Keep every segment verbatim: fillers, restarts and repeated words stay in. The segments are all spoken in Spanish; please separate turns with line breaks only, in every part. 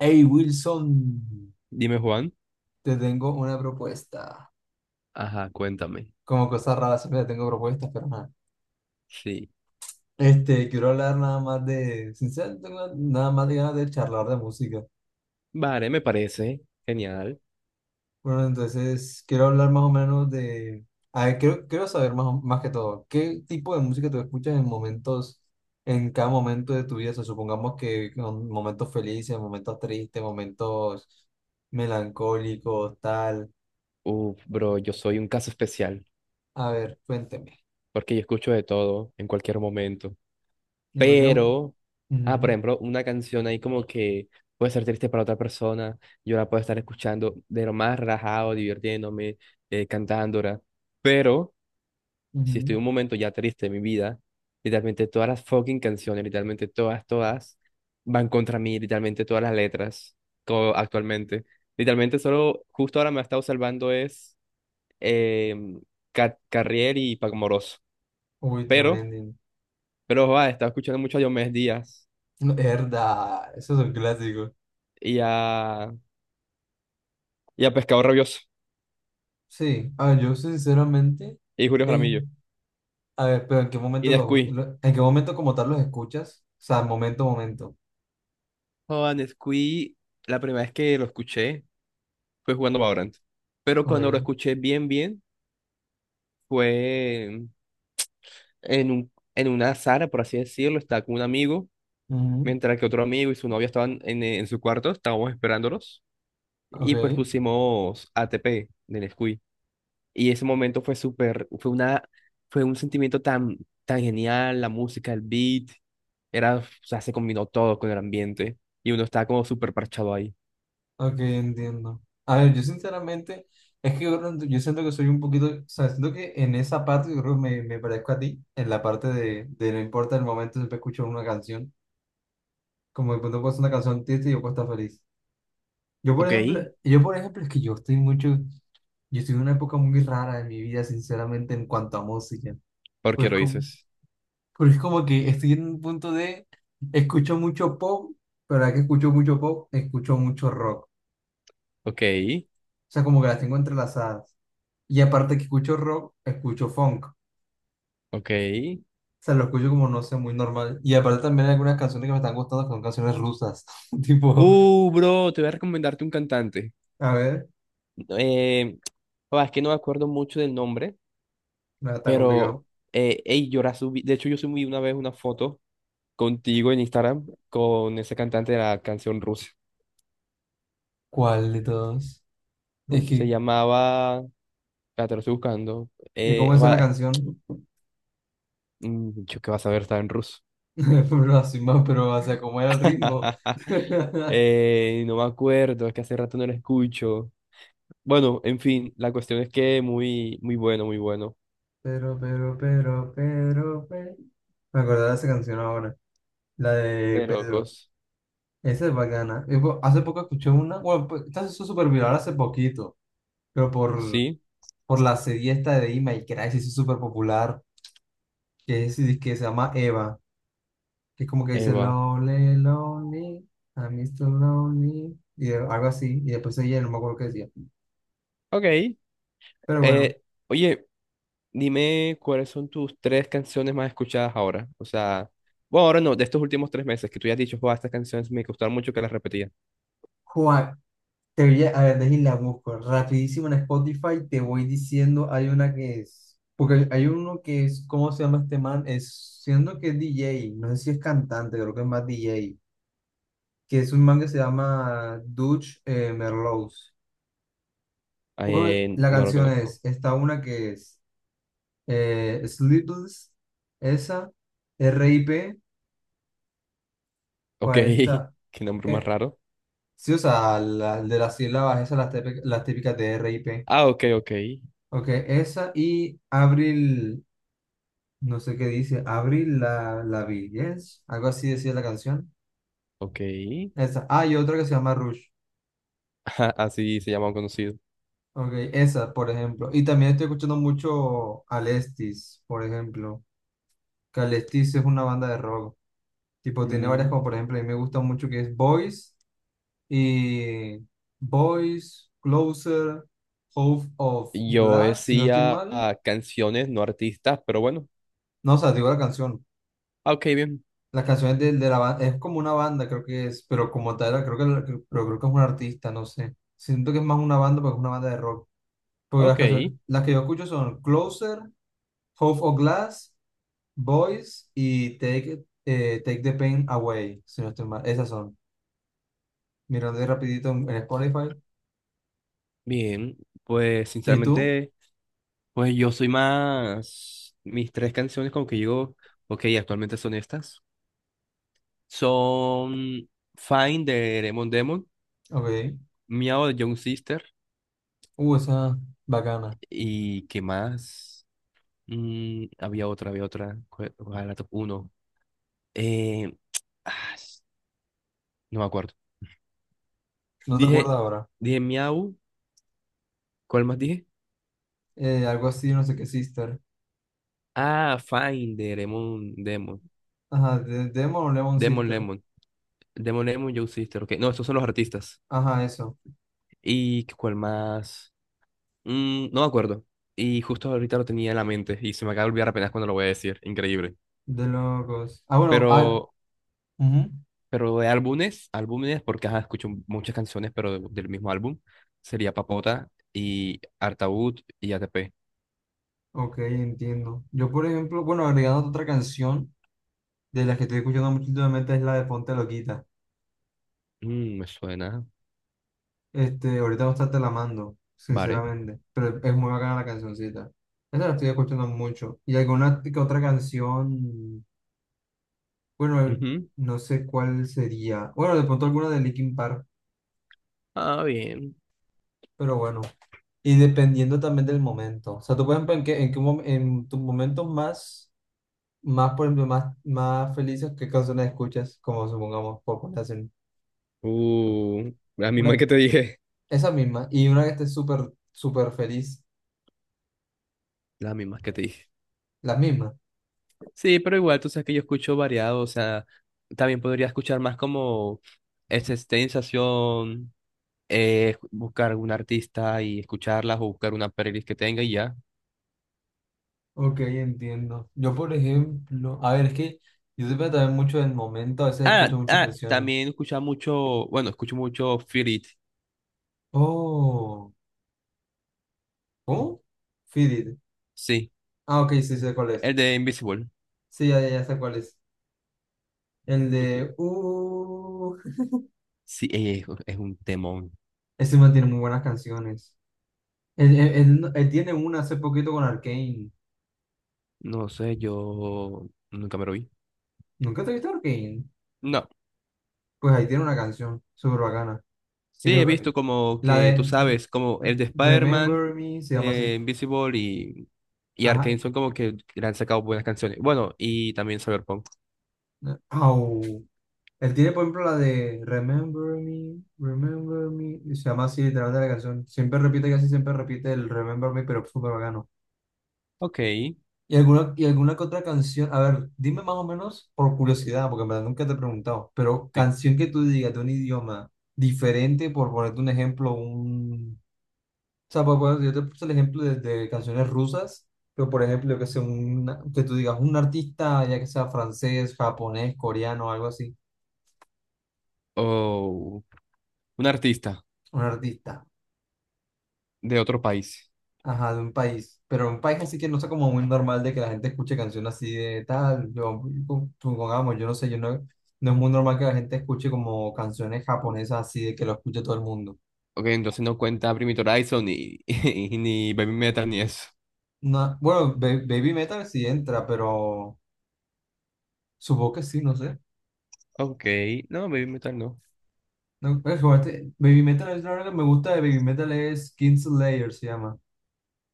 Hey Wilson,
Dime, Juan.
te tengo una propuesta.
Ajá, cuéntame.
Como cosas raras siempre te tengo propuestas, pero nada.
Sí.
Este, quiero hablar nada más de, sinceramente, tengo nada más de ganas de charlar de música.
Vale, me parece genial.
Bueno, entonces quiero hablar más o menos de, a ver, quiero, quiero saber más, o- más que todo, ¿qué tipo de música tú escuchas en momentos, en cada momento de tu vida? O sea, supongamos que en momentos felices, momentos tristes, momentos melancólicos, tal.
Uf, bro, yo soy un caso especial
A ver, cuénteme.
porque yo escucho de todo en cualquier momento.
En cualquier... Ujú,
Pero, ah, por ejemplo, una canción ahí como que puede ser triste para otra persona. Yo la puedo estar escuchando de lo más relajado, divirtiéndome, eh, cantándola. Pero si estoy
ujú.
en un momento ya triste de mi vida, literalmente todas las fucking canciones, literalmente todas, todas, van contra mí, literalmente todas las letras, co- actualmente. Literalmente solo, justo ahora me ha estado salvando es eh, Ca- Carrier y Paco Moroso.
Uy,
Pero,
tremendo.
pero, va, he estado escuchando mucho a Diomedes Díaz
No, verdad, eso es un clásico.
y a, y a Pescado Rabioso
Sí, a ver, yo sinceramente,
y Julio
eh,
Jaramillo
a ver, pero ¿en qué
y
momento los,
Nescuí.
lo- en qué momento como tal los escuchas? O sea, momento, momento.
Joder, Nescuí, la primera vez que lo escuché fue jugando Valorant. Pero cuando lo
Ok,
escuché bien, bien, fue en un, en una sala, por así decirlo, estaba con un amigo,
ujú,
mientras que otro amigo y su novia estaban en, en su cuarto, estábamos esperándolos, y pues
ok,
pusimos A T P de Nesquik. Y ese momento fue súper, fue una, fue un sentimiento tan, tan genial, la música, el beat, era, o sea, se combinó todo con el ambiente, y uno estaba como súper parchado ahí.
ok, entiendo. A ver, yo sinceramente, es que yo, creo- yo siento que soy un poquito, o sea, siento que en esa parte yo creo que me, me parezco a ti, en la parte de, de no importa el momento, siempre escucho una canción. Como de pronto puedo una canción triste y yo puedo estar feliz. Yo, por
Ok,
ejemplo, yo, por ejemplo, es que yo estoy mucho, yo estoy en una época muy rara de mi vida, sinceramente, en cuanto a música.
¿por qué
Pues
lo
como,
dices?
porque es como que estoy en un punto de, escucho mucho pop, pero ahora que escucho mucho pop, escucho mucho rock. O
Ok,
sea, como que las tengo entrelazadas. Y aparte que escucho rock, escucho funk. O
ok.
sea, lo escucho como, no sé, muy normal. Y aparte también hay algunas canciones que me están gustando, que son canciones rusas. Tipo,
Uh, bro, te voy a recomendarte un cantante.
a ver,
Eh, ah, es que no me acuerdo mucho del nombre.
no, está
Pero,
complicado.
eh, ey, yo la subí. De hecho, yo subí una vez una foto contigo en Instagram con ese cantante de la canción rusa.
¿Cuál de todos? Es
Se
que,
llamaba. La te lo estoy buscando.
¿y
Eh,
cómo es
va-
la canción?
mm, yo qué vas a ver, estaba en ruso.
Pero así más, pero, o sea, como era el ritmo.
Eh, no me acuerdo, es que hace rato no lo escucho. Bueno, en fin, la cuestión es que muy, muy bueno, muy bueno.
Pero, pero, pero, pero, pero. Me acordé de esa canción ahora, la de
De
Pedro.
locos.
Esa es bacana. Y po- Hace poco escuché una, bueno, pues, esta se hizo súper viral hace poquito, pero por,
Sí,
por la serie esta de Ima y Crash se hizo súper popular, que es, que se llama Eva, que es como que dice
Eva.
Lonely, Lonely, I'm mister Lonely, y algo así, y después ella no me acuerdo qué decía.
Ok.
Pero
Eh, oye. Dime cuáles son tus tres canciones más escuchadas ahora. O sea, bueno, ahora no, de estos últimos tres meses que tú ya has dicho, "Joa, estas canciones me gustaron mucho que las repetía".
bueno, te voy a, a ver, déjame la busco rapidísimo en Spotify. Te voy diciendo, hay una que es, porque hay, hay uno que es, ¿cómo se llama este man? Es, siendo que es D J, no sé si es cantante, creo que es más D J, que es un man que se llama Dutch eh, Merlows. Uno, de-
Eh,
la
no lo
canción es,
conozco.
está una que es eh, Sleepless, esa, R I P.
Ok,
¿Cuál está?
qué nombre más
Eh,
raro.
sí, o sea, la- de las sílabas, esas las, típicas las típicas de R I P.
Ah, ok, ok,
Ok, esa y Abril. No sé qué dice. Abril la, la vi. Yes. Algo así decía la canción.
ok.
Esa. Ah, y otra que se llama Rush.
Ajá, así se llama un conocido.
Ok, esa, por ejemplo. Y también estoy escuchando mucho Alestis, por ejemplo. Que Alestis es una banda de rock. Tipo, tiene varias
Mm,
como, por ejemplo, a mí me gusta mucho que es Boys y Boys, Closer, Hope of
Yo
Glass, si no estoy
decía
mal.
ah, canciones, no artistas, pero bueno.
No, o sea, digo la canción.
Ah, ok, bien.
Las canciones de, de la banda, es como una banda, creo que es, pero como tal, creo que, la- que- pero creo que es un artista, no sé. Siento que es más una banda, porque es una banda de rock. Porque las
Ok,
canciones, las que yo escucho son Closer, Hope of Glass, Boys y Take, It- eh, Take the Pain Away, si no estoy mal. Esas son. Mirando de rapidito en, en Spotify.
bien. Pues
¿Y tú?
sinceramente, pues yo soy más... Mis tres canciones como que yo... Ok, actualmente son estas. Son Fine de Demon Demon,
Ok.
Miao de Young Sister
Uh, esa bacana.
y ¿qué más? Mm, había otra, había otra. ¿Cuál cuál era la top uno? Eh, ah, s- no me acuerdo.
No te
Dije,
acuerdas ahora.
dije Miau, ¿cuál más dije?
Eh, algo así, no sé qué, Sister.
Ah, Fine de Demon Demon,
Ajá, de Demon o Lemon
Demon
Sister.
Lemon, Demon Lemon, Young Sister, ok. No, estos son los artistas.
Ajá, eso.
¿Y cuál más? Mm, no me acuerdo. Y justo ahorita lo tenía en la mente y se me acaba de olvidar apenas cuando lo voy a decir. Increíble.
De locos. Ah, bueno, ah,
Pero
ujú.
Pero de álbumes, álbumes, porque ajá, escucho muchas canciones, pero de- del mismo álbum, sería Papota y Artaud y A T P.
Ok, entiendo. Yo, por ejemplo, bueno, agregando otra canción de las que estoy escuchando mucho últimamente es la de Ponte Loquita.
Mm, me suena.
Este, ahorita no está te la mando,
Vale.
sinceramente, pero es muy bacana la cancioncita. Esa la estoy escuchando mucho. Y alguna que otra canción, bueno,
Ujú.
no sé cuál sería. Bueno, de pronto alguna de Linkin Park,
Ah, bien.
pero bueno. Y dependiendo también del momento. O sea, tú, por ejemplo, en qué, en qué mom- en tus momentos más. Más, por ejemplo, más, más felices, ¿qué canciones escuchas? Como supongamos, por comparación.
Uh, la misma
Una,
que te dije.
esa misma, y una que esté súper, súper feliz,
La misma que te dije.
las mismas.
Sí, pero igual tú sabes que yo escucho variado, o sea, también podría escuchar más como esa sensación, eh, buscar algún artista y escucharlas o buscar una playlist que tenga y ya.
Ok, entiendo. Yo, por ejemplo, a ver, es que yo depende también mucho del momento, a veces
Ah,
escucho muchas
ah,
canciones.
también escuchaba mucho, bueno, escucho mucho Feel It,
Oh, ¿cómo? Feed It.
sí,
Ah, ok, sí, sé cuál es.
el de Invisible.
Sí, ya, ya, ya sé cuál es. El
Okay.
de... Uh,
Sí, es, es un temón.
ese man tiene muy buenas canciones. Él, él- él- él tiene una hace poquito con Arcane.
No sé, yo nunca me lo vi.
¿Nunca te viste Arcane?
No,
Pues ahí tiene una canción súper bacana. Y
sí, he
creo que
visto como
la
que, tú
de
sabes, como el de Spider-Man,
Remember Me se llama así.
eh, Invisible y, y
Ajá.
Arcane son como que le han sacado buenas canciones. Bueno, y también Cyberpunk.
eh, Au. Él tiene, por ejemplo, la de Remember Me, Remember Me, y se llama así literalmente la canción. Siempre repite, casi siempre repite el Remember Me, pero súper bacano.
Ok, sí.
Y alguna, y alguna que otra canción. A ver, dime más o menos por curiosidad, porque en verdad nunca te he preguntado. Pero canción que tú digas de un idioma diferente, por ponerte un ejemplo, un... O sea, pues, pues, yo te puse el ejemplo de, de canciones rusas, pero por ejemplo, yo que sé, un, que tú digas un artista, ya que sea francés, japonés, coreano, algo así,
O un artista
un artista,
de otro país.
ajá, de un país, pero un país así que no sea como muy normal de que la gente escuche canciones así de tal, yo, con- supongamos, yo no sé, yo no, no es muy normal que la gente escuche como canciones japonesas así de que lo escuche todo el mundo.
Ok, entonces no cuenta Primitive Horizon ni, ni Baby Metal ni eso.
No, bueno, ba- Baby Metal sí entra, pero supongo que sí, no sé.
Ok, no, Baby Metal no.
No, pues, jugaste- Baby Metal es lo que me gusta de Baby Metal es Kingslayer, se llama.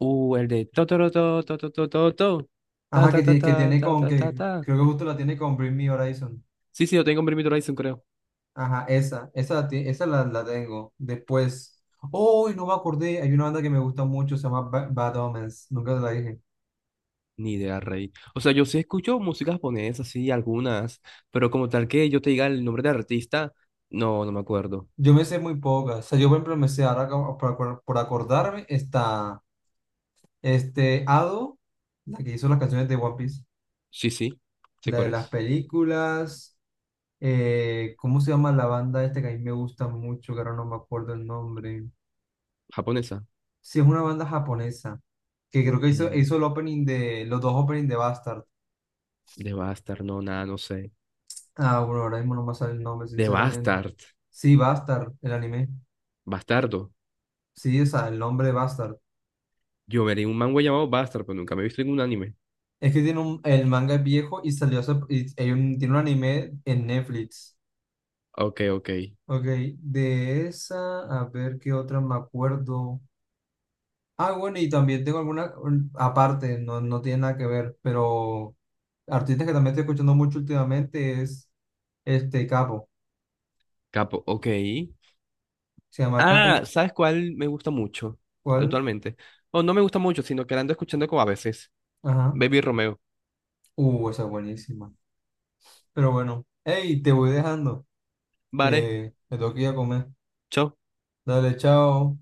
Uh, el de to, to, to, to, to, to, to, to, ta,
Ajá,
ta,
que
ta,
tiene, que
ta,
tiene
ta,
con,
ta, ta,
que
ta.
creo que justo la tiene con Bring Me Horizon.
Sí, sí, yo tengo Bring Me the Horizon, creo.
Ajá, esa, esa, la ti- esa la, la tengo. Después, oh, no me acordé, hay una banda que me gusta mucho, se llama Ba- Bad Omens, nunca te la dije.
Ni idea, rey. O sea, yo sí escucho música japonesa, sí, algunas, pero como tal que yo te diga el nombre de artista, no, no me acuerdo.
Yo me sé muy pocas, o sea, yo por ejemplo me sé ahora como por, acor- por acordarme, está este Ado, la que hizo las canciones de One Piece,
Sí, sí, sé
la de
cuál
las
es.
películas. Eh, ¿cómo se llama la banda esta que a mí me gusta mucho? Que ahora no me acuerdo el nombre.
Japonesa.
Sí, es una banda japonesa que creo que hizo,
Mm,
hizo el opening de, los dos openings de Bastard.
de Bastard, no, nada, no sé.
Ah, bueno, ahora mismo no me sale el nombre,
De
sinceramente.
Bastard.
Sí, Bastard, el anime.
Bastardo.
Sí, o sea, el nombre de Bastard.
Yo veré un manga llamado Bastard, pero nunca me he visto en un anime.
Es que tiene un, el manga es viejo y salió, hace- y hay un- tiene un anime en Netflix.
Ok, ok.
Ok, de esa, a ver qué otra me acuerdo. Ah, bueno, y también tengo alguna, un- aparte, no, no tiene nada que ver, pero artistas que también estoy escuchando mucho últimamente es este Capo.
Capo, ok.
Se llama
Ah,
Capo.
¿sabes cuál me gusta mucho
¿Cuál?
actualmente? O no me gusta mucho, sino que la ando escuchando como a veces.
Ajá.
Baby Romeo.
Uh, esa es buenísima. Pero bueno, hey, te voy dejando,
Vale,
que me tengo que ir a comer.
chao.
Dale, chao.